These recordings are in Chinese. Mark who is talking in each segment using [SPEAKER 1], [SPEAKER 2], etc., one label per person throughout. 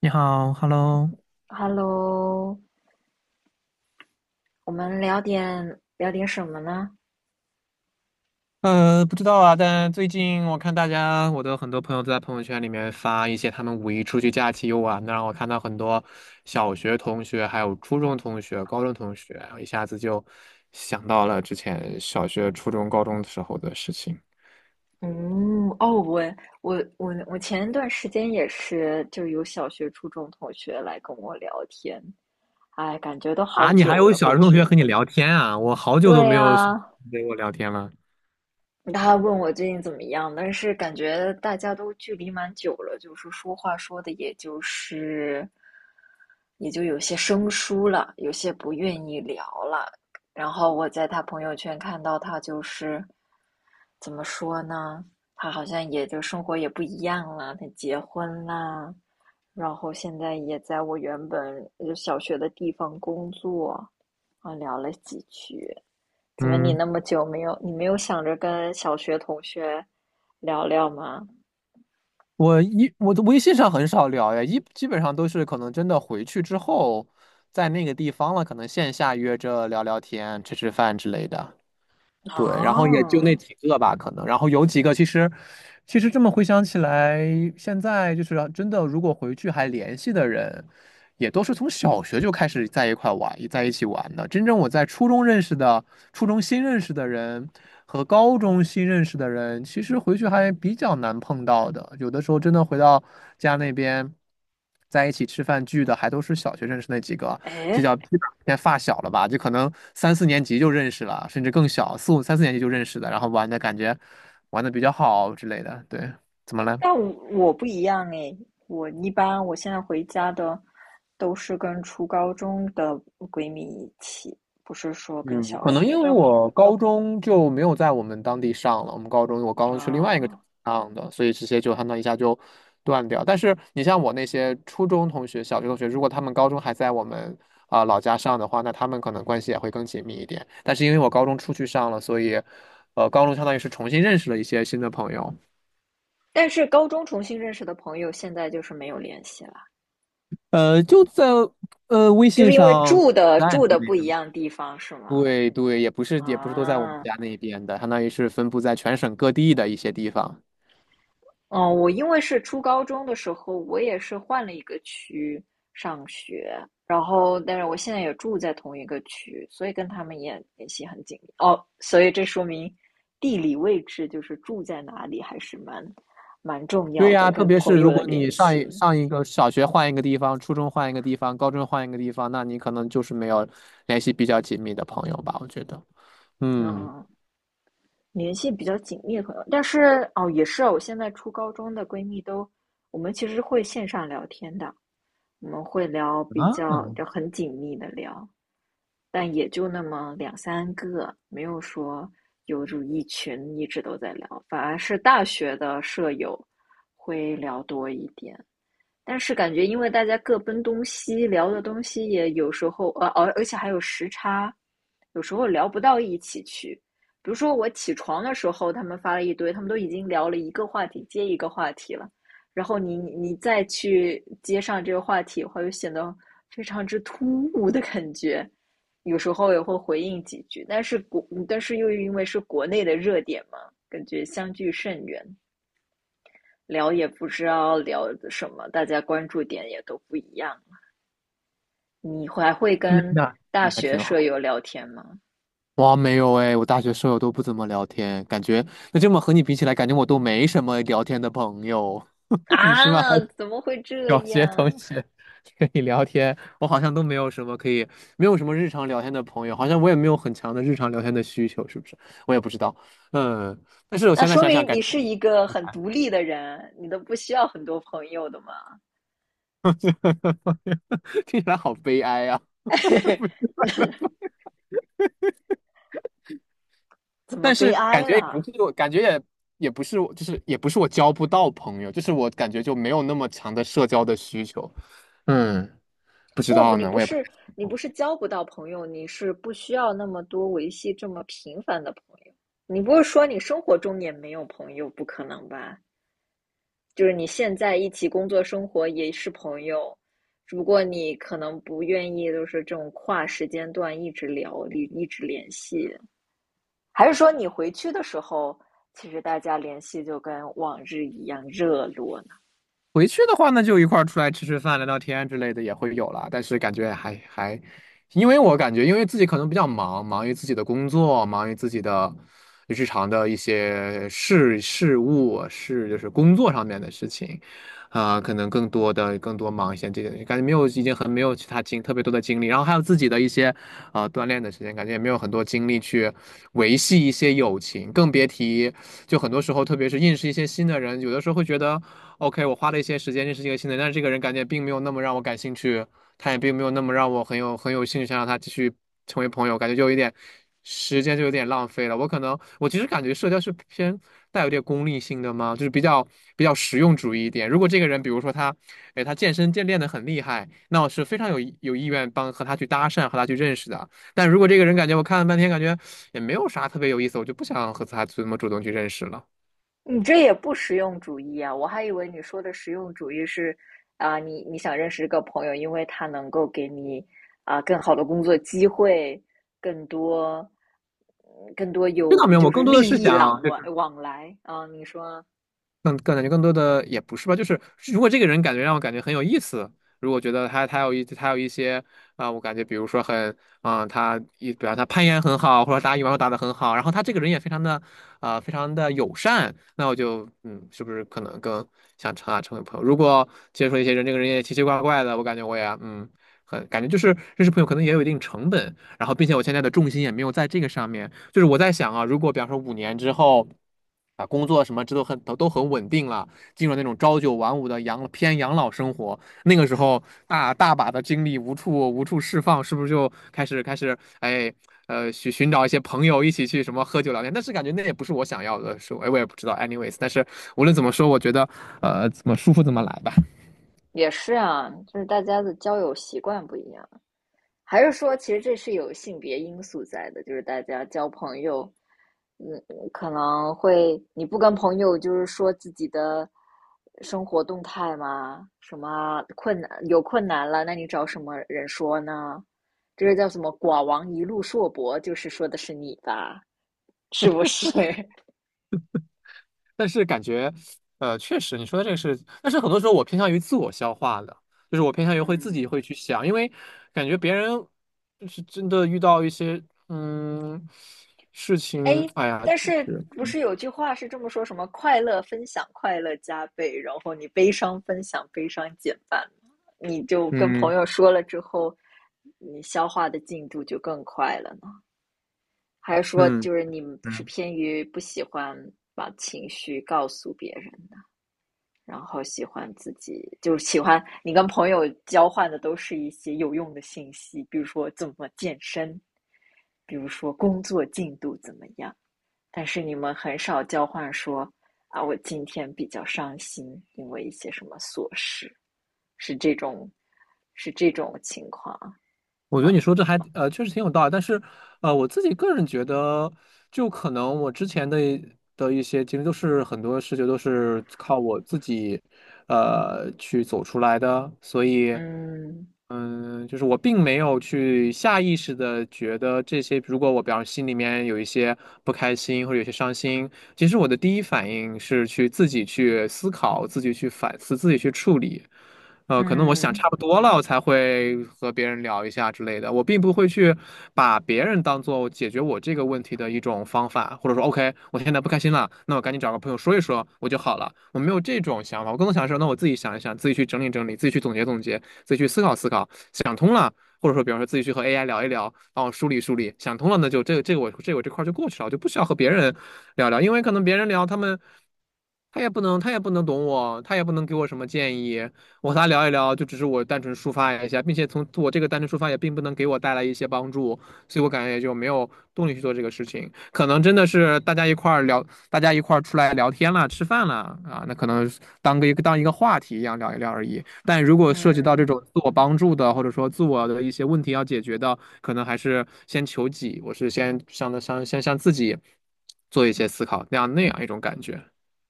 [SPEAKER 1] 你好，Hello。
[SPEAKER 2] Hello,我们聊点什么呢？
[SPEAKER 1] 不知道啊，但最近我看大家，我的很多朋友都在朋友圈里面发一些他们五一出去假期游玩的，让我看到很多小学同学、还有初中同学、高中同学，一下子就想到了之前小学、初中、高中的时候的事情。
[SPEAKER 2] 嗯，哦，我前一段时间也是，就有小学、初中同学来跟我聊天，哎，感觉都好
[SPEAKER 1] 啊，你还
[SPEAKER 2] 久
[SPEAKER 1] 有
[SPEAKER 2] 了，
[SPEAKER 1] 小
[SPEAKER 2] 过
[SPEAKER 1] 学同
[SPEAKER 2] 去。
[SPEAKER 1] 学和你聊天啊？我好久都
[SPEAKER 2] 对
[SPEAKER 1] 没有小学
[SPEAKER 2] 呀，
[SPEAKER 1] 同学跟我聊天了。
[SPEAKER 2] 他问我最近怎么样，但是感觉大家都距离蛮久了，就是说话说的也就是有些生疏了，有些不愿意聊了。然后我在他朋友圈看到他就是怎么说呢？他好像也就生活也不一样了，他结婚啦，然后现在也在我原本就小学的地方工作，啊，聊了几句。怎么你
[SPEAKER 1] 嗯。
[SPEAKER 2] 那么久没有，你没有想着跟小学同学聊聊吗？
[SPEAKER 1] 我的微信上很少聊呀，基本上都是可能真的回去之后，在那个地方了，可能线下约着聊聊天、吃吃饭之类的。对，然后也就那
[SPEAKER 2] 啊，
[SPEAKER 1] 几个吧，可能，然后有几个其实，其实这么回想起来，现在就是真的，如果回去还联系的人。也都是从小学就开始在一块玩，在一起玩的。真正我在初中认识的、初中新认识的人和高中新认识的人，其实回去还比较难碰到的。有的时候真的回到家那边，在一起吃饭聚的，还都是小学认识那几个，就
[SPEAKER 2] 哎，
[SPEAKER 1] 叫基本偏发小了吧，就可能三四年级就认识了，甚至更小，四五三四年级就认识的，然后玩的比较好之类的。对，怎么了？
[SPEAKER 2] 但我不一样哎，我一般我现在回家的都是跟初高中的闺蜜一起，不是说跟
[SPEAKER 1] 嗯，
[SPEAKER 2] 小
[SPEAKER 1] 可能
[SPEAKER 2] 学
[SPEAKER 1] 因为
[SPEAKER 2] 的朋友
[SPEAKER 1] 我高中就没有在我们当地上了，我高中去另外一个城
[SPEAKER 2] 啊。
[SPEAKER 1] 市上的，所以这些就相当于一下就断掉。但是你像我那些初中同学、小学同学，如果他们高中还在我们啊、老家上的话，那他们可能关系也会更紧密一点。但是因为我高中出去上了，所以高中相当于是重新认识了一些新的朋友。
[SPEAKER 2] 但是高中重新认识的朋友，现在就是没有联系了，
[SPEAKER 1] 就在微
[SPEAKER 2] 就
[SPEAKER 1] 信
[SPEAKER 2] 是因为
[SPEAKER 1] 上。
[SPEAKER 2] 住的不一样地方，是吗？
[SPEAKER 1] 对，也不是都在我们
[SPEAKER 2] 啊，
[SPEAKER 1] 家那边的，相当于是分布在全省各地的一些地方。
[SPEAKER 2] 嗯，我因为是初高中的时候，我也是换了一个区上学，然后但是我现在也住在同一个区，所以跟他们也联系很紧密。哦，所以这说明地理位置就是住在哪里还是蛮重
[SPEAKER 1] 对
[SPEAKER 2] 要的，
[SPEAKER 1] 呀，特
[SPEAKER 2] 跟
[SPEAKER 1] 别是
[SPEAKER 2] 朋
[SPEAKER 1] 如
[SPEAKER 2] 友的
[SPEAKER 1] 果
[SPEAKER 2] 联
[SPEAKER 1] 你
[SPEAKER 2] 系，
[SPEAKER 1] 上一个小学换一个地方，初中换一个地方，高中换一个地方，那你可能就是没有联系比较紧密的朋友吧，我觉得。嗯，
[SPEAKER 2] 嗯，联系比较紧密的朋友。但是哦，也是啊，我现在初高中的闺蜜都，我们其实会线上聊天的，我们会聊比
[SPEAKER 1] 啊，
[SPEAKER 2] 较就很紧密的聊。但也就那么两三个，没有说有就一群一直都在聊，反而是大学的舍友会聊多一点。但是感觉因为大家各奔东西，聊的东西也有时候，而且还有时差，有时候聊不到一起去。比如说我起床的时候，他们发了一堆，他们都已经聊了一个话题接一个话题了，然后你再去接上这个话题的话，就显得非常之突兀的感觉。有时候也会回应几句，但是又因为是国内的热点嘛，感觉相距甚远。聊也不知道聊什么，大家关注点也都不一样。你还会
[SPEAKER 1] 那
[SPEAKER 2] 跟
[SPEAKER 1] 那
[SPEAKER 2] 大
[SPEAKER 1] 还
[SPEAKER 2] 学
[SPEAKER 1] 挺
[SPEAKER 2] 舍
[SPEAKER 1] 好。
[SPEAKER 2] 友聊天吗？
[SPEAKER 1] 哇，没有哎，我大学舍友都不怎么聊天，感觉那这么和你比起来，感觉我都没什么聊天的朋友。你起码
[SPEAKER 2] 啊，怎么会这
[SPEAKER 1] 小学同
[SPEAKER 2] 样？
[SPEAKER 1] 学可以聊天，我好像都没有什么可以，没有什么日常聊天的朋友，好像我也没有很强的日常聊天的需求，是不是？我也不知道，嗯，但是我
[SPEAKER 2] 那
[SPEAKER 1] 现在
[SPEAKER 2] 说
[SPEAKER 1] 想想，
[SPEAKER 2] 明
[SPEAKER 1] 感
[SPEAKER 2] 你
[SPEAKER 1] 觉
[SPEAKER 2] 是一个很独立的人，你都不需要很多朋友的嘛？
[SPEAKER 1] 听起来好悲哀啊。
[SPEAKER 2] 怎么
[SPEAKER 1] 但
[SPEAKER 2] 悲
[SPEAKER 1] 是
[SPEAKER 2] 哀
[SPEAKER 1] 感觉也不
[SPEAKER 2] 了？
[SPEAKER 1] 是我，感觉也也不是我就是也不是我交不到朋友，就是我感觉就没有那么强的社交的需求。嗯，不知
[SPEAKER 2] 不不，
[SPEAKER 1] 道
[SPEAKER 2] 你
[SPEAKER 1] 呢，
[SPEAKER 2] 不
[SPEAKER 1] 我也不太
[SPEAKER 2] 是
[SPEAKER 1] 清
[SPEAKER 2] 你不
[SPEAKER 1] 楚。
[SPEAKER 2] 是交不到朋友，你是不需要那么多维系这么频繁的朋友。你不是说你生活中也没有朋友？不可能吧？就是你现在一起工作生活也是朋友，只不过你可能不愿意，就是这种跨时间段一直聊，一直联系，还是说你回去的时候，其实大家联系就跟往日一样热络呢？
[SPEAKER 1] 回去的话，呢，就一块儿出来吃吃饭、聊聊天之类的也会有了，但是感觉，因为我感觉，因为自己可能比较忙，忙于自己的工作，忙于自己的日常的一些事务，是就是工作上面的事情，啊、可能更多忙一些这个，感觉没有已经很没有其他精特别多的精力，然后还有自己的一些啊、锻炼的时间，感觉也没有很多精力去维系一些友情，更别提就很多时候，特别是认识一些新的人，有的时候会觉得。OK，我花了一些时间认识一个新的人，但是这个人感觉并没有那么让我感兴趣，他也并没有那么让我很有兴趣，想让他继续成为朋友，感觉就有一点时间就有点浪费了。我可能我其实感觉社交是偏带有点功利性的嘛，就是比较实用主义一点。如果这个人比如说他，哎，他健练的很厉害，那我是非常有意愿帮和他去搭讪，和他去认识的。但如果这个人感觉我看了半天，感觉也没有啥特别有意思，我就不想和他这么主动去认识了。
[SPEAKER 2] 你这也不实用主义啊！我还以为你说的实用主义是，啊、你你想认识一个朋友，因为他能够给你啊、更好的工作机会，更多嗯更多
[SPEAKER 1] 这倒
[SPEAKER 2] 有
[SPEAKER 1] 没有，
[SPEAKER 2] 就
[SPEAKER 1] 我
[SPEAKER 2] 是
[SPEAKER 1] 更多的
[SPEAKER 2] 利
[SPEAKER 1] 是
[SPEAKER 2] 益
[SPEAKER 1] 想。
[SPEAKER 2] 往来啊、你说
[SPEAKER 1] 更更感觉更多的也不是吧，就是如果这个人感觉让我感觉很有意思，如果觉得他有一些啊、我感觉比如说很啊、呃他一比方他攀岩很好，或者打羽毛球打得很好，然后他这个人也非常的啊、非常的友善，那我就嗯，是不是可能更想成为朋友？如果接触一些人，这个人也奇奇怪怪的，我感觉我也嗯很感觉就是认识朋友可能也有一定成本，然后并且我现在的重心也没有在这个上面，就是我在想啊，如果比方说五年之后。啊，工作什么这都很稳定了，进入那种朝九晚五的养老生活，那个时候大大把的精力无处释放，是不是就开始哎寻找一些朋友一起去什么喝酒聊天？但是感觉那也不是我想要的，是我哎我也不知道，anyways，但是无论怎么说，我觉得怎么舒服怎么来吧。
[SPEAKER 2] 也是啊，就是大家的交友习惯不一样，还是说其实这是有性别因素在的，就是大家交朋友嗯，可能会，你不跟朋友就是说自己的生活动态吗？什么困难，有困难了，那你找什么人说呢？这个叫什么"寡王一路硕博"，就是说的是你吧？是不是？
[SPEAKER 1] 但是感觉，确实你说的这个是，但是很多时候我偏向于自我消化的，就是我偏向于会自
[SPEAKER 2] 嗯，
[SPEAKER 1] 己会去想，因为感觉别人就是真的遇到一些嗯事情，
[SPEAKER 2] 哎，
[SPEAKER 1] 哎呀，
[SPEAKER 2] 但是不是有句话是这么说，什么快乐分享快乐加倍，然后你悲伤分享悲伤减半吗？你就跟
[SPEAKER 1] 嗯
[SPEAKER 2] 朋友说了之后，你消化的进度就更快了。还是说
[SPEAKER 1] 嗯
[SPEAKER 2] 就是你们是
[SPEAKER 1] 嗯，
[SPEAKER 2] 偏于不喜欢把情绪告诉别人的，然后喜欢自己就是喜欢你跟朋友交换的都是一些有用的信息，比如说怎么健身，比如说工作进度怎么样，但是你们很少交换说啊，我今天比较伤心，因为一些什么琐事，是这种是这种情况
[SPEAKER 1] 我觉得
[SPEAKER 2] 吗？
[SPEAKER 1] 你说这还确实挺有道理，但是我自己个人觉得，就可能我之前的一些经历都是很多事情都是靠我自己去走出来的，所以。
[SPEAKER 2] 嗯
[SPEAKER 1] 嗯，就是我并没有去下意识的觉得这些，如果我比方心里面有一些不开心或者有些伤心，其实我的第一反应是去自己去思考、自己去反思、自己去处理。可能我想
[SPEAKER 2] 嗯
[SPEAKER 1] 差不多了，我才会和别人聊一下之类的。我并不会去把别人当做解决我这个问题的一种方法，或者说，OK，我现在不开心了，那我赶紧找个朋友说一说，我就好了。我没有这种想法，我更多想是，那我自己想一想，自己去整理整理，自己去总结总结。自己去思考思考，想通了，或者说比方说自己去和 AI 聊一聊，帮我梳理梳理，想通了，那就这个这个我这个我这块儿就过去了，我就不需要和别人聊聊，因为可能别人聊他们。他也不能懂我，他也不能给我什么建议。我和他聊一聊，就只是我单纯抒发一下，并且从我这个单纯抒发也并不能给我带来一些帮助，所以我感觉也就没有动力去做这个事情。可能真的是大家一块儿聊，大家一块儿出来聊天了，吃饭了啊，那可能当一个话题一样聊一聊而已。但如果涉及到
[SPEAKER 2] 嗯。
[SPEAKER 1] 这种自我帮助的，或者说自我的一些问题要解决的，可能还是先求己，我是先向的向先向自己做一些思考，那样一种感觉。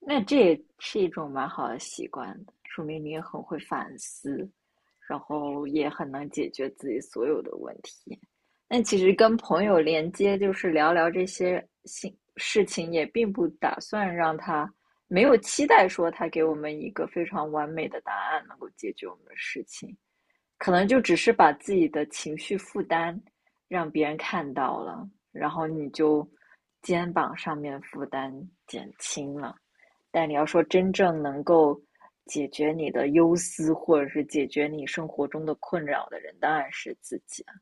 [SPEAKER 2] 那这也是一种蛮好的习惯的说明你也很会反思，然后也很能解决自己所有的问题。那其实跟朋友连接，就是聊聊这些心事情，也并不打算让他没有期待说他给我们一个非常完美的答案，能够解决我们的事情，可能就只是把自己的情绪负担让别人看到了，然后你就肩膀上面负担减轻了。但你要说真正能够解决你的忧思，或者是解决你生活中的困扰的人，当然是自己啊。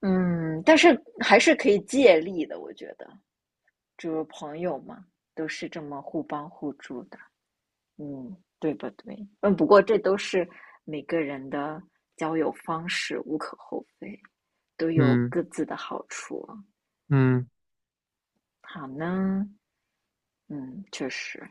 [SPEAKER 2] 嗯，但是还是可以借力的，我觉得，就是朋友嘛，都是这么互帮互助的，嗯，对不对？嗯，不过这都是每个人的交友方式，无可厚非，都有
[SPEAKER 1] 嗯
[SPEAKER 2] 各自的好处啊
[SPEAKER 1] 嗯。
[SPEAKER 2] 好呢，嗯，确实。